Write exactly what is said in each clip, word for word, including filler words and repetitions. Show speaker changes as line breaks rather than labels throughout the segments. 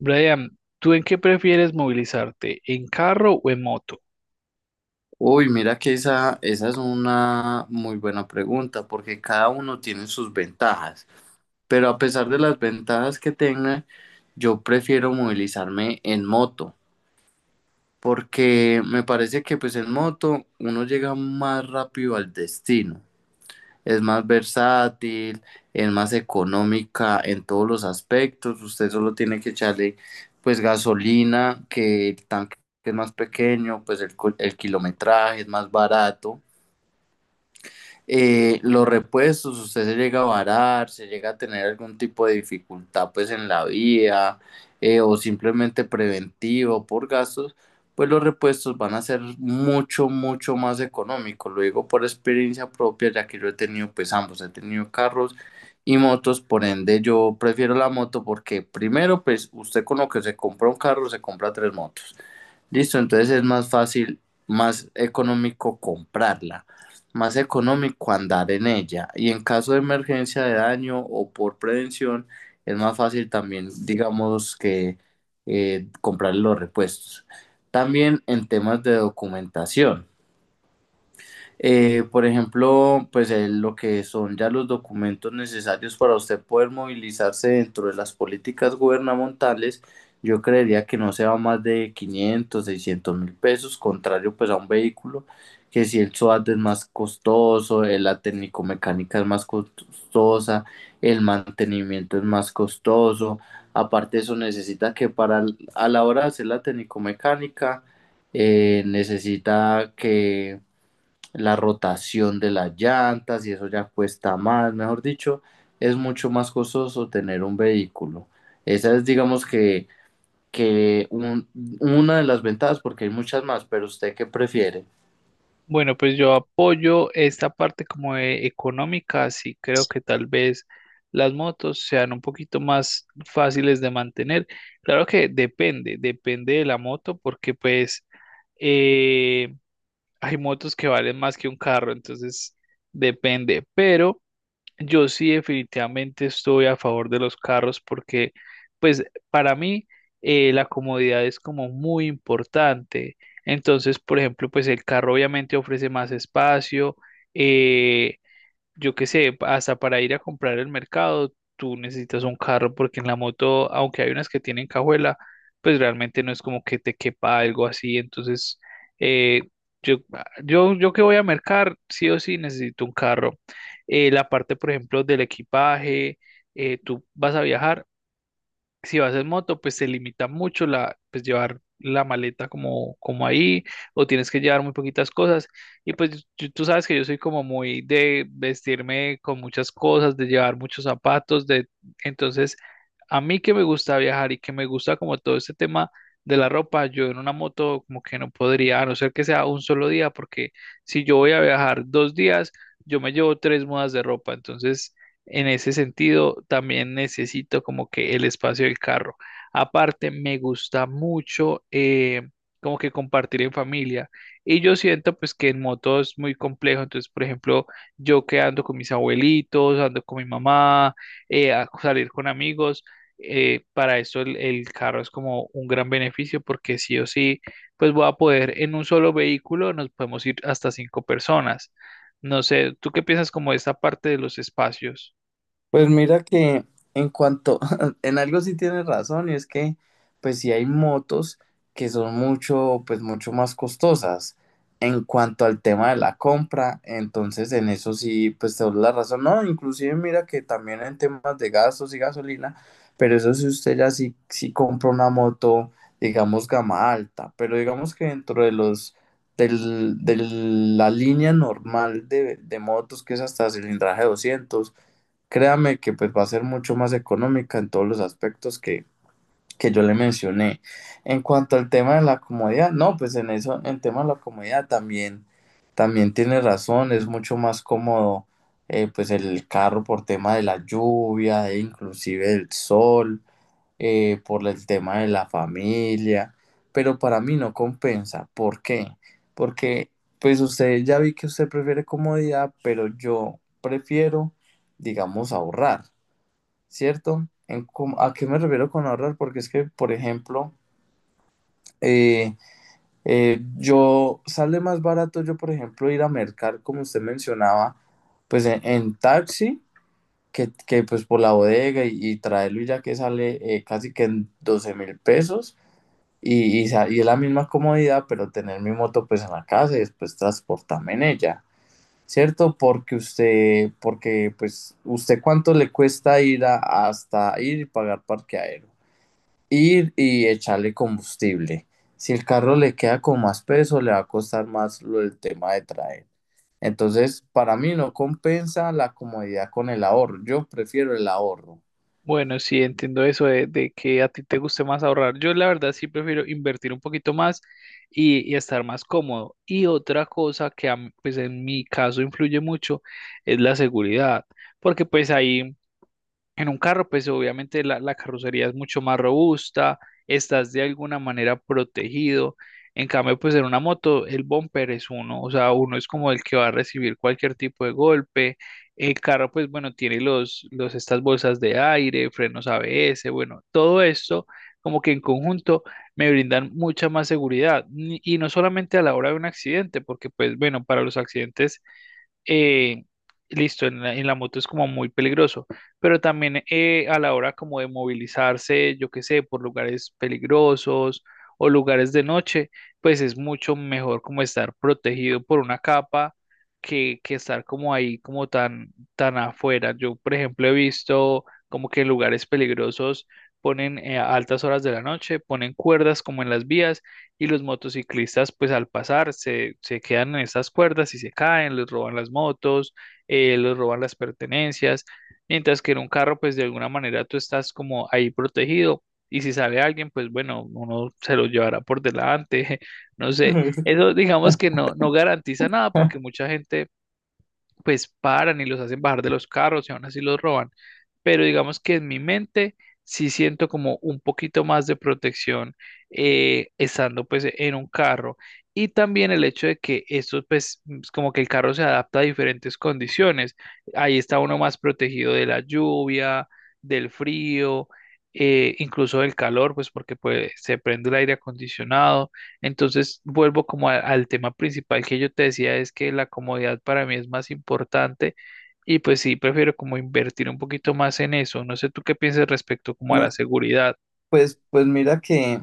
Brian, ¿tú en qué prefieres movilizarte? ¿En carro o en moto?
Uy, mira que esa, esa es una muy buena pregunta, porque cada uno tiene sus ventajas, pero a pesar de las ventajas que tenga, yo prefiero movilizarme en moto, porque me parece que pues en moto uno llega más rápido al destino, es más versátil, es más económica en todos los aspectos, usted solo tiene que echarle pues gasolina, que el tanque es más pequeño, pues el, co- el kilometraje es más barato. Eh, los repuestos, usted se llega a varar, se llega a tener algún tipo de dificultad pues en la vía, eh, o simplemente preventivo por gastos, pues los repuestos van a ser mucho, mucho más económicos. Lo digo por experiencia propia, ya que yo he tenido pues ambos, he tenido carros y motos, por ende yo prefiero la moto porque primero pues usted con lo que se compra un carro se compra tres motos. Listo, entonces es más fácil, más económico comprarla, más económico andar en ella. Y en caso de emergencia de daño o por prevención, es más fácil también, digamos, que eh, comprar los repuestos. También en temas de documentación. Eh, por ejemplo, pues eh, lo que son ya los documentos necesarios para usted poder movilizarse dentro de las políticas gubernamentales, yo creería que no se va más de quinientos seiscientos mil pesos, contrario pues a un vehículo que si el SOAT es más costoso, eh, la técnico-mecánica es más costosa, el mantenimiento es más costoso, aparte de eso necesita que para a la hora de hacer la técnico-mecánica, eh, necesita que la rotación de las llantas y eso ya cuesta más, mejor dicho, es mucho más costoso tener un vehículo. Esa es, digamos que, que un- una de las ventajas, porque hay muchas más, pero ¿usted qué prefiere?
Bueno, pues yo apoyo esta parte como de económica, así creo que tal vez las motos sean un poquito más fáciles de mantener. Claro que depende, depende de la moto, porque pues eh, hay motos que valen más que un carro, entonces depende, pero... Yo sí definitivamente estoy a favor de los carros porque, pues, para mí eh, la comodidad es como muy importante. Entonces, por ejemplo, pues el carro obviamente ofrece más espacio, eh, yo qué sé, hasta para ir a comprar el mercado, tú necesitas un carro porque en la moto, aunque hay unas que tienen cajuela, pues realmente no es como que te quepa algo así. Entonces, eh, yo, yo, yo que voy a mercar, sí o sí necesito un carro. Eh, la parte, por ejemplo, del equipaje, eh, tú vas a viajar, si vas en moto, pues se limita mucho la, pues llevar la maleta como, como ahí, o tienes que llevar muy poquitas cosas. Y pues yo- tú sabes que yo soy como muy de vestirme con muchas cosas, de llevar muchos zapatos, de entonces a mí que me gusta viajar y que me gusta como todo este tema de la ropa, yo en una moto como que no podría, a no ser que sea un solo día, porque si yo voy a viajar dos días, yo me llevo tres mudas de ropa, entonces en ese sentido, también necesito como que el espacio del carro. Aparte, me gusta mucho eh, como que compartir en familia. Y yo siento pues que en moto es muy complejo. Entonces, por ejemplo, yo que ando con mis abuelitos, ando con mi mamá, eh, a salir con amigos, eh, para eso el, el carro es como un gran beneficio porque sí o sí, pues voy a poder en un solo vehículo, nos podemos ir hasta cinco personas. No sé, ¿tú qué piensas como de esta parte de los espacios?
Pues mira que en cuanto, en algo sí tienes razón, y es que pues sí hay motos que son mucho, pues mucho más costosas en cuanto al tema de la compra, entonces en eso sí, pues te doy la razón. No, inclusive mira que también en temas de gastos y gasolina, pero eso sí, usted ya sí, sí compra una moto, digamos, gama alta, pero digamos que dentro de los... Del, de la línea normal de, de motos que es hasta cilindraje doscientos. Créame que pues va a ser mucho más económica en todos los aspectos que, que yo le mencioné. En cuanto al tema de la comodidad, no, pues en eso, en tema de la comodidad también, también tiene razón, es mucho más cómodo, eh, pues el carro por tema de la lluvia, e inclusive el sol, eh, por el tema de la familia, pero para mí no compensa. ¿Por qué? Porque pues usted ya vi que usted prefiere comodidad, pero yo prefiero, digamos, ahorrar. ¿Cierto? En cómo- ¿a qué me refiero con ahorrar? Porque es que, por ejemplo, eh, eh, yo sale más barato yo, por ejemplo, ir a mercar, como usted mencionaba, pues en, en taxi, que, que pues por la bodega y, y traerlo y ya que sale, eh, casi que en doce mil pesos y, y, sa- y es la misma comodidad, pero tener mi moto pues en la casa y después transportarme en ella. ¿Cierto? Porque usted, porque pues, ¿usted cuánto le cuesta ir a- hasta ir y pagar parqueadero? Ir y echarle combustible. Si el carro le queda con más peso, le va a costar más lo, el tema de traer. Entonces, para mí no compensa la comodidad con el ahorro. Yo prefiero el ahorro.
Bueno, sí, entiendo eso de, de que a ti te guste más ahorrar. Yo la verdad sí prefiero invertir un poquito más y, y estar más cómodo. Y otra cosa que a mí, pues en mi caso influye mucho es la seguridad, porque pues ahí en un carro, pues obviamente la, la carrocería es mucho más robusta, estás de alguna manera protegido. En cambio, pues en una moto, el bumper es uno, o sea, uno es como el que va a recibir cualquier tipo de golpe. El carro, pues bueno, tiene los, los, estas bolsas de aire, frenos A B S, bueno, todo esto como que en conjunto me brindan mucha más seguridad. Ni- Y no solamente a la hora de un accidente, porque pues bueno, para los accidentes eh, listo, en la, en la moto es como muy peligroso, pero también eh, a la hora como de movilizarse, yo qué sé, por lugares peligrosos o lugares de noche, pues es mucho mejor como estar protegido por una capa que, que estar como ahí, como tan, tan afuera. Yo, por ejemplo, he visto como que en lugares peligrosos ponen eh, a altas horas de la noche, ponen cuerdas como en las vías y los motociclistas pues al pasar se, se quedan en esas cuerdas y se caen, les roban las motos, eh, les roban las pertenencias, mientras que en un carro pues de alguna manera tú estás como ahí protegido y si sale alguien pues bueno, uno se lo llevará por delante, no sé, eso digamos que no, no garantiza nada porque mucha gente pues paran y los hacen bajar de los carros y aún así los roban. Pero digamos que en mi mente sí siento como un poquito más de protección eh, estando pues en un carro. Y también el hecho de que esto pues mm, es como que el carro se adapta a diferentes condiciones. Ahí está uno más protegido de la lluvia, del frío, eh, incluso del calor, pues porque pues, se prende el aire acondicionado. Entonces, vuelvo como a- al tema principal que yo te decía, es que la comodidad para mí es más importante y pues sí, prefiero como invertir un poquito más en eso. No sé tú qué piensas respecto como a la
No.
seguridad.
Pues, pues mira que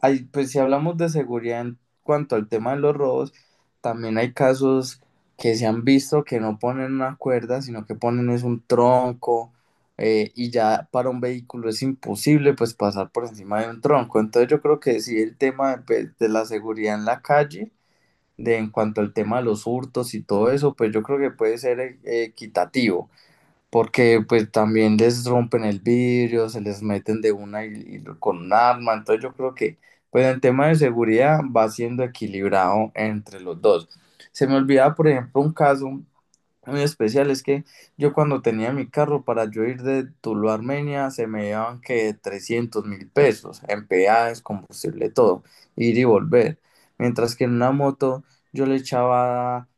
hay, pues si hablamos de seguridad en cuanto al tema de los robos, también hay casos que se han visto que no ponen una cuerda, sino que ponen es un tronco, eh, y ya para un vehículo es imposible pues pasar por encima de un tronco. Entonces yo creo que sí el tema de, pues, de la seguridad en la calle, de en cuanto al tema de los hurtos y todo eso, pues yo creo que puede ser, eh, equitativo, porque pues también les rompen el vidrio, se les meten de una y, y con un arma, entonces yo creo que pues en tema de seguridad va siendo equilibrado entre los dos. Se me olvidaba, por ejemplo, un caso muy especial es que yo cuando tenía mi carro, para yo ir de Tuluá a Armenia se me llevaban que trescientos mil pesos en peajes, combustible, todo, ir y volver. Mientras que en una moto yo le echaba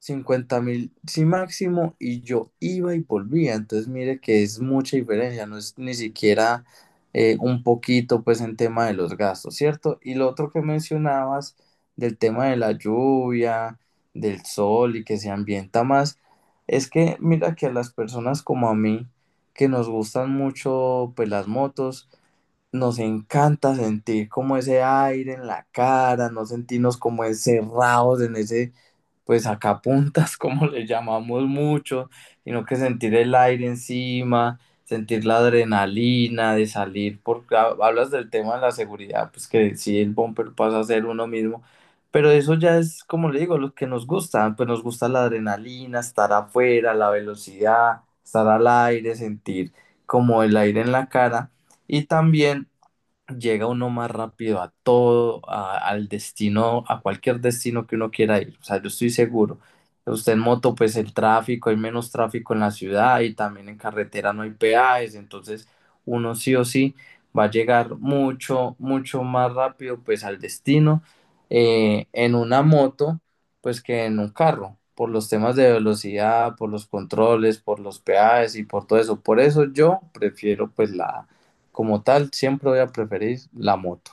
cincuenta mil, sí máximo, y yo iba y volvía. Entonces mire que es mucha diferencia, no es ni siquiera, eh, un poquito pues en tema de los gastos, ¿cierto? Y lo otro que mencionabas del tema de la lluvia, del sol y que se ambienta más. Es que mira que a las personas como a mí, que nos gustan mucho pues las motos, nos encanta sentir como ese aire en la cara, no sentirnos como encerrados en ese, pues sacapuntas, como le llamamos mucho, sino que sentir el aire encima, sentir la adrenalina de salir, porque ha- hablas del tema de la seguridad, pues que sí, el bumper pasa a ser uno mismo, pero eso ya es, como le digo, lo que nos gusta, pues nos gusta la adrenalina, estar afuera, la velocidad, estar al aire, sentir como el aire en la cara, y también llega uno más rápido a todo, a- al destino, a cualquier destino que uno quiera ir. O sea, yo estoy seguro. Usted en moto, pues el tráfico, hay menos tráfico en la ciudad y también en carretera no hay peajes, entonces uno sí o sí va a llegar mucho, mucho más rápido pues al destino, eh, en una moto pues que en un carro, por los temas de velocidad, por los controles, por los peajes y por todo eso. Por eso yo prefiero pues la como tal, siempre voy a preferir la moto.